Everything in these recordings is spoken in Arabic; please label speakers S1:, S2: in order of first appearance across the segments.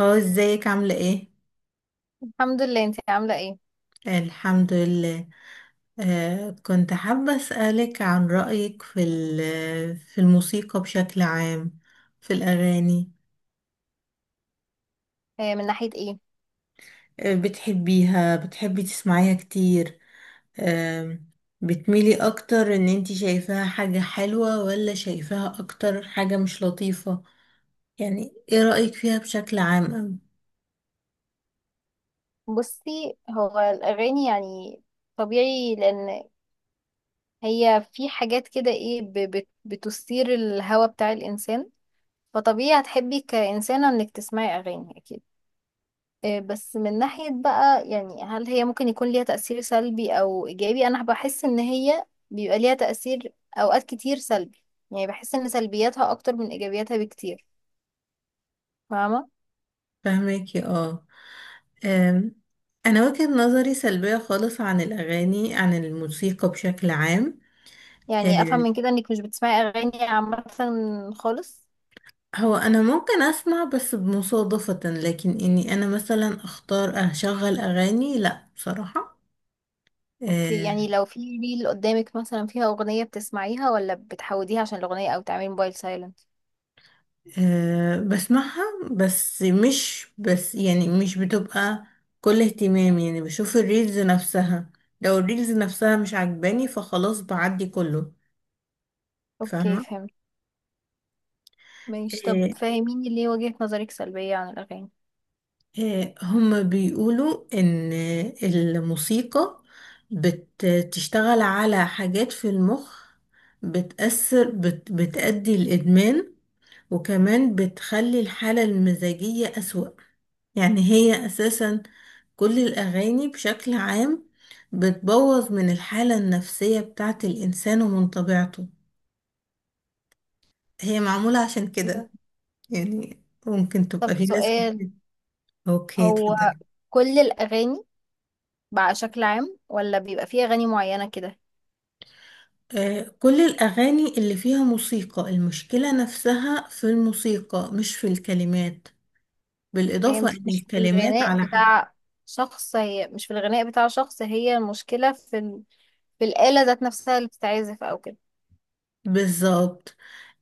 S1: هو ازيك عاملة ايه؟
S2: الحمد لله، انت عاملة ايه؟
S1: الحمد لله. كنت حابة أسألك عن رأيك في الموسيقى بشكل عام، في الأغاني.
S2: آه، من ناحية ايه؟
S1: بتحبيها بتحبي تسمعيها كتير؟ آه بتميلي أكتر إن انتي شايفاها حاجة حلوة ولا شايفاها أكتر حاجة مش لطيفة؟ يعني ايه رأيك فيها بشكل عام أوي؟
S2: بصي هو الأغاني يعني طبيعي لأن هي في حاجات كده ايه بتثير الهوى بتاع الإنسان. فطبيعي هتحبي كإنسانة انك تسمعي أغاني أكيد. بس من ناحية بقى يعني هل هي ممكن يكون ليها تأثير سلبي أو إيجابي؟ أنا بحس إن هي بيبقى ليها تأثير أوقات كتير سلبي. يعني بحس إن سلبياتها أكتر من إيجابياتها بكتير. فاهمة؟
S1: فهماكي اه. آم، أنا وجهة نظري سلبية خالص عن الأغاني، عن الموسيقى بشكل عام.
S2: يعني افهم
S1: آه،
S2: من كده انك مش بتسمعي اغاني عامه خالص.
S1: هو انا ممكن اسمع بس بمصادفة، لكن اني انا مثلا اختار اشغل اغاني لا بصراحة.
S2: اوكي،
S1: آه.
S2: يعني لو في ريل قدامك مثلا فيها اغنيه بتسمعيها ولا بتحوديها عشان الاغنيه او تعملي موبايل سايلنت؟
S1: بسمعها، بس مش بس يعني مش بتبقى كل اهتمامي، يعني بشوف الريلز نفسها. لو الريلز نفسها مش عجباني فخلاص بعدي كله.
S2: اوكي،
S1: فاهمة.
S2: فهمت. ماشي، طب
S1: آه،
S2: فاهميني ليه وجهه نظرك سلبيه عن الاغاني؟
S1: هما بيقولوا إن الموسيقى بتشتغل على حاجات في المخ، بتأثر بتأدي الإدمان، وكمان بتخلي الحالة المزاجية أسوأ. يعني هي أساسا كل الأغاني بشكل عام بتبوظ من الحالة النفسية بتاعة الإنسان ومن طبيعته، هي معمولة عشان
S2: مم.
S1: كده. يعني ممكن
S2: طب
S1: تبقى في ناس
S2: سؤال:
S1: كتير. أوكي
S2: هو
S1: اتفضلي.
S2: كل الاغاني بقى شكل عام ولا بيبقى في اغاني معينه كده؟
S1: كل الأغاني اللي فيها موسيقى المشكلة نفسها في الموسيقى مش في الكلمات، بالإضافة
S2: فهمتك،
S1: إن
S2: مش في
S1: الكلمات
S2: الغناء
S1: على
S2: بتاع شخص، هي مش في الغناء بتاع شخص، هي المشكله في في الاله ذات نفسها اللي بتتعزف او كده.
S1: بالظبط.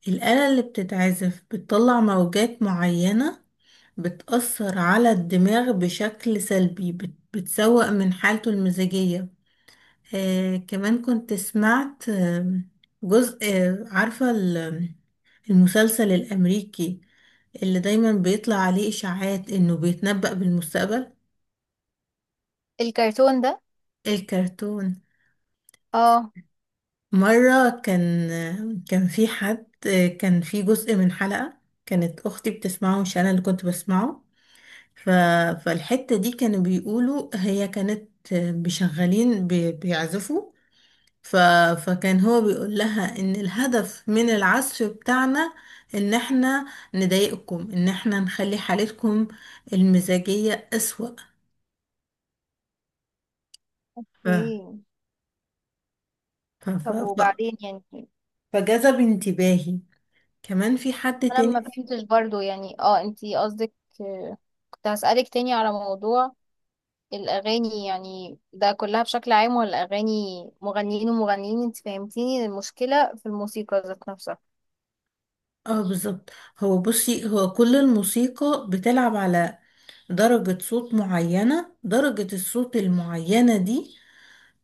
S1: الآلة اللي بتتعزف بتطلع موجات معينة، بتأثر على الدماغ بشكل سلبي، بتسوء من حالته المزاجية. كمان كنت سمعت، جزء، عارفة المسلسل الأمريكي اللي دايما بيطلع عليه إشاعات إنه بيتنبأ بالمستقبل؟
S2: الكرتون ده.
S1: الكرتون.
S2: اه.
S1: مرة كان في حد، كان في جزء من حلقة كانت أختي بتسمعه مش أنا اللي كنت بسمعه. ف... فالحتة دي كانوا بيقولوا هي كانت بيشغلين بيعزفوا. ف... فكان هو بيقول لها إن الهدف من العزف بتاعنا إن إحنا نضايقكم، إن إحنا نخلي حالتكم المزاجية أسوأ. ف...
S2: اوكي.
S1: ف... ف...
S2: طب وبعدين يعني؟
S1: فجذب انتباهي. كمان في حد
S2: انا ما
S1: تاني.
S2: فهمتش برضو، يعني اه انتي قصدك، آه، كنت هسألك تاني على موضوع الاغاني، يعني ده كلها بشكل عام ولا اغاني مغنيين ومغنيين؟ انت فهمتيني المشكلة في الموسيقى ذات نفسها.
S1: اه بالظبط. هو بصي هو كل الموسيقى بتلعب على درجة صوت معينة، درجة الصوت المعينة دي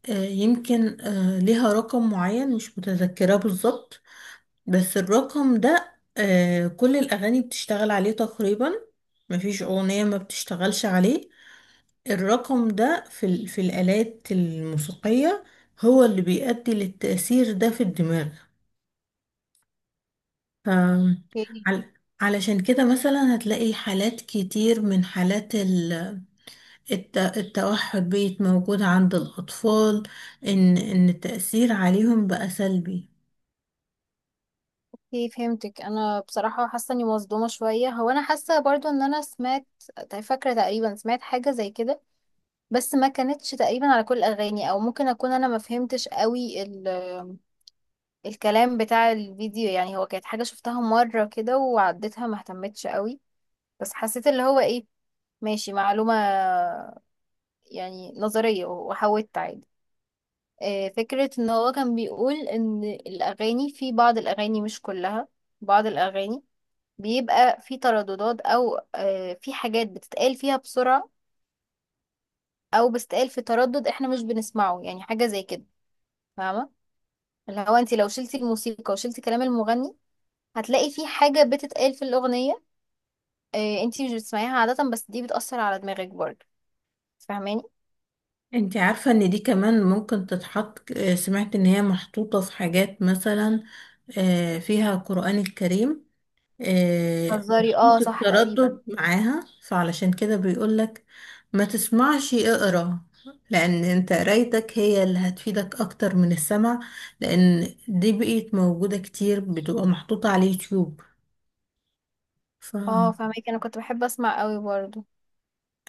S1: يمكن ليها رقم معين مش متذكرة بالظبط. بس الرقم ده كل الأغاني بتشتغل عليه تقريبا، مفيش أغنية ما بتشتغلش عليه. الرقم ده في الآلات الموسيقية هو اللي بيؤدي للتأثير ده في الدماغ. آم،
S2: اوكي.
S1: عل- علشان كده مثلا هتلاقي حالات كتير من حالات التوحد بقت موجودة عند الأطفال، إن التأثير عليهم بقى سلبي.
S2: اوكي، فهمتك. انا بصراحة حاسة اني مصدومة شوية، هو انا حاسة برضو ان انا سمعت، طيب فاكرة تقريبا سمعت حاجة زي كده بس ما كانتش تقريبا على كل الاغاني، او ممكن اكون انا ما فهمتش قوي الكلام بتاع الفيديو. يعني هو كانت حاجة شفتها مرة كده وعديتها، ما اهتمتش قوي، بس حسيت اللي هو ايه، ماشي معلومة يعني نظرية، وحاولت عادي. فكرة ان هو كان بيقول ان الاغاني، في بعض الاغاني مش كلها، بعض الاغاني بيبقى في ترددات او في حاجات بتتقال فيها بسرعة، او بتتقال في تردد احنا مش بنسمعه، يعني حاجة زي كده. فاهمة؟ اللي هو انت لو شلتي الموسيقى وشلتي كلام المغني، هتلاقي في حاجة بتتقال في الأغنية إيه انتي مش بتسمعيها عادة، بس دي بتأثر على دماغك برضه. فاهماني؟
S1: انت عارفة إن دي كمان ممكن تتحط، سمعت إن هي محطوطة في حاجات مثلا فيها القرآن الكريم.
S2: هزاري، اه
S1: محطوط
S2: صح تقريبا.
S1: التردد معاها فعلشان كده بيقولك ما تسمعش اقرا، لان انت قرايتك هي اللي هتفيدك اكتر من السمع، لان دي بقيت موجودة كتير بتبقى محطوطة على اليوتيوب. ف
S2: اه فاهمك. انا كنت بحب اسمع قوي برضه.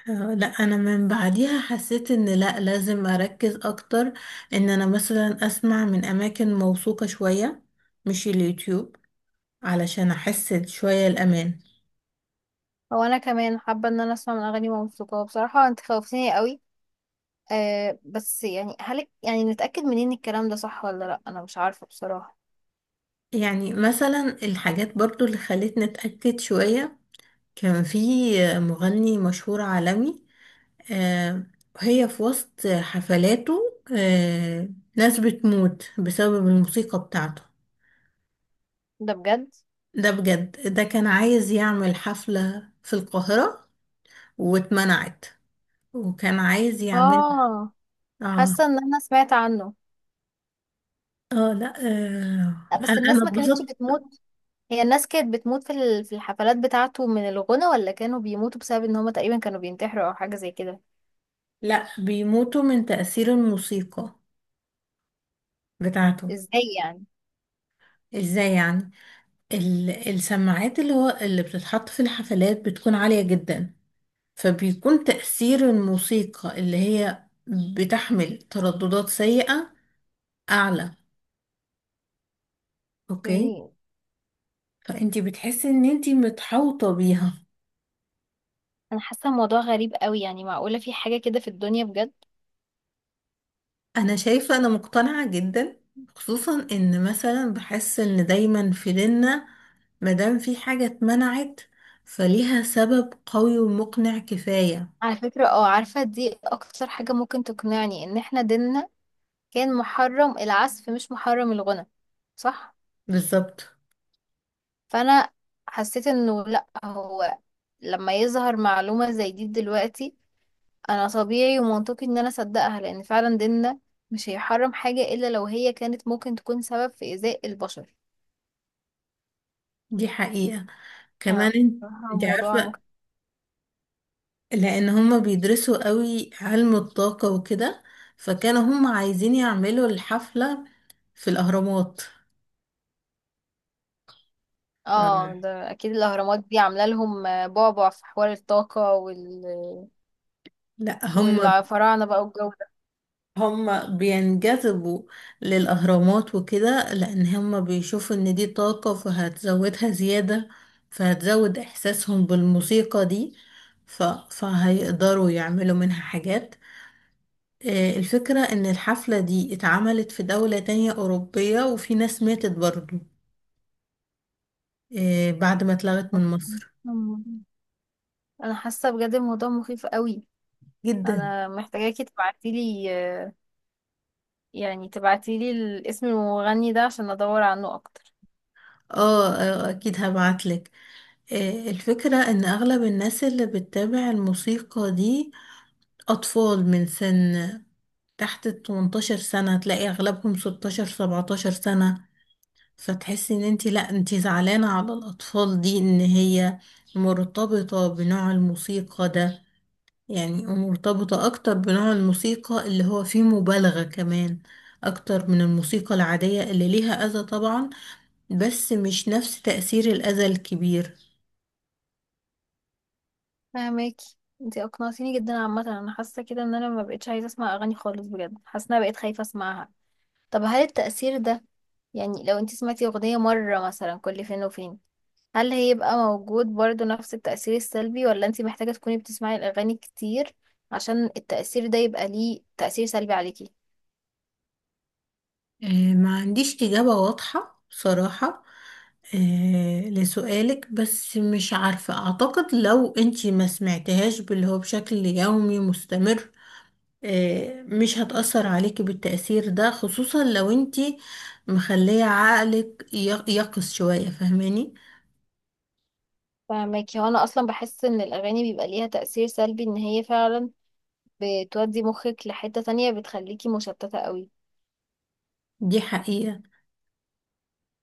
S1: لا انا من بعديها حسيت ان لا لازم اركز اكتر، ان انا مثلا اسمع من اماكن موثوقة شوية مش اليوتيوب علشان احس شوية الامان.
S2: هو انا كمان حابة ان انا اسمع من اغاني موسيقى بصراحة، انت خوفتيني قوي. آه بس يعني هل يعني نتأكد منين الكلام ده صح ولا لا؟ انا مش عارفة بصراحة.
S1: يعني مثلا الحاجات برضو اللي خلتني اتأكد شوية، كان في مغني مشهور عالمي، آه، هي في وسط حفلاته ناس بتموت بسبب الموسيقى بتاعته.
S2: ده بجد؟
S1: ده بجد. ده كان عايز يعمل حفلة في القاهرة واتمنعت، وكان عايز يعملها.
S2: اه.
S1: اه.
S2: حاسة ان انا سمعت عنه.
S1: اه لا
S2: لا بس
S1: انا
S2: الناس
S1: أنا
S2: ما كانتش
S1: اتبسطت.
S2: بتموت. هي الناس كانت بتموت في في الحفلات بتاعته من الغنى، ولا كانوا بيموتوا بسبب ان هما تقريبا كانوا بينتحروا او حاجة زي كده؟
S1: لا بيموتوا من تأثير الموسيقى بتاعته.
S2: ازاي يعني؟
S1: ازاي يعني؟ السماعات اللي بتتحط في الحفلات بتكون عالية جدا، فبيكون تأثير الموسيقى اللي هي بتحمل ترددات سيئة أعلى. أوكي.
S2: اوكي.
S1: فأنتي بتحسي إن أنتي متحوطة بيها.
S2: انا حاسه الموضوع غريب قوي، يعني معقوله في حاجه كده في الدنيا بجد؟
S1: أنا شايفة، أنا مقتنعة جدا، خصوصا إن مثلا بحس إن دايما في ديننا مادام في حاجة اتمنعت فليها سبب قوي ومقنع كفاية.
S2: على فكره اه، عارفه دي اكتر حاجه ممكن تقنعني، ان احنا ديننا كان محرم العزف مش محرم الغنى، صح؟
S1: بالظبط،
S2: فانا حسيت انه لا، هو لما يظهر معلومه زي دي دلوقتي، انا طبيعي ومنطقي ان انا اصدقها، لان فعلا ديننا مش هيحرم حاجه الا لو هي كانت ممكن تكون سبب في ايذاء البشر.
S1: دي حقيقة.
S2: ف-
S1: كمان انت
S2: بصراحة
S1: انت
S2: الموضوع.
S1: عارفة لان هما بيدرسوا قوي علم الطاقة وكده، فكانوا هما عايزين يعملوا الحفلة في الاهرامات.
S2: اه
S1: أم.
S2: ده اكيد الاهرامات دي عامله لهم بعبع في حوار الطاقه
S1: لا هما
S2: والفراعنه بقى والجو ده.
S1: هما بينجذبوا للاهرامات وكده لان هما بيشوفوا ان دي طاقة فهتزودها زيادة، فهتزود احساسهم بالموسيقى دي. فهيقدروا يعملوا منها حاجات. الفكرة ان الحفلة دي اتعملت في دولة تانية اوروبية وفي ناس ماتت برضو بعد ما اتلغت من مصر.
S2: أمم. انا حاسه بجد الموضوع مخيف قوي.
S1: جدا.
S2: انا محتاجاكي تبعتيلي، يعني تبعتيلي الاسم المغني ده عشان ادور عنه اكتر.
S1: اه. اكيد هبعتلك. الفكرة ان اغلب الناس اللي بتتابع الموسيقى دي اطفال من سن تحت ال 18 سنة، تلاقي اغلبهم 16 17 سنة. فتحسي ان انتي لا انتي زعلانة على الاطفال دي ان هي مرتبطة بنوع الموسيقى ده، يعني مرتبطة اكتر بنوع الموسيقى اللي هو فيه مبالغة كمان اكتر من الموسيقى العادية اللي ليها اذى طبعا، بس مش نفس تأثير الأذى الكبير.
S2: فهماكي، انتي اقنعتيني جدا. عامه انا حاسه كده ان انا ما بقتش عايزه اسمع اغاني خالص بجد، حاسه ان انا بقيت خايفه اسمعها. طب هل التأثير ده، يعني لو انتي سمعتي اغنيه مره مثلا كل فين وفين، هل هيبقى موجود برضو نفس التأثير السلبي، ولا انتي محتاجة تكوني بتسمعي الأغاني كتير عشان التأثير ده يبقى ليه تأثير سلبي عليكي؟
S1: ما عنديش إجابة واضحة بصراحة لسؤالك، بس مش عارفة، أعتقد لو أنتي ما سمعتهاش باللي هو بشكل يومي مستمر مش هتأثر عليكي بالتأثير ده، خصوصا لو أنتي مخلية عقلك يقظ شوية، فاهماني؟
S2: فاهماكي. هو أنا أصلا بحس إن الأغاني بيبقى ليها تأثير سلبي، إن هي فعلا بتودي مخك لحتة تانية، بتخليكي مشتتة قوي.
S1: دي حقيقة.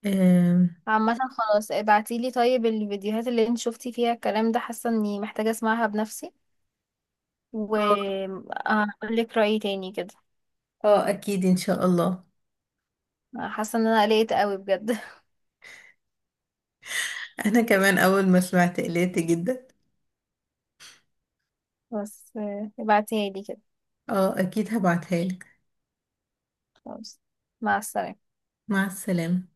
S1: آه.
S2: عامة خلاص، ابعتيلي طيب الفيديوهات اللي انت شفتي فيها الكلام ده، حاسة إني محتاجة أسمعها بنفسي
S1: آه.
S2: وهقولك رأيي تاني كده.
S1: أكيد إن شاء الله.
S2: حاسة إن أنا قلقت قوي بجد.
S1: أنا كمان أول ما سمعت قلقت جدا.
S2: بس ابعتيها لي كده.
S1: اه اكيد هبعتها لك.
S2: خلاص، مع السلامة.
S1: مع السلامة.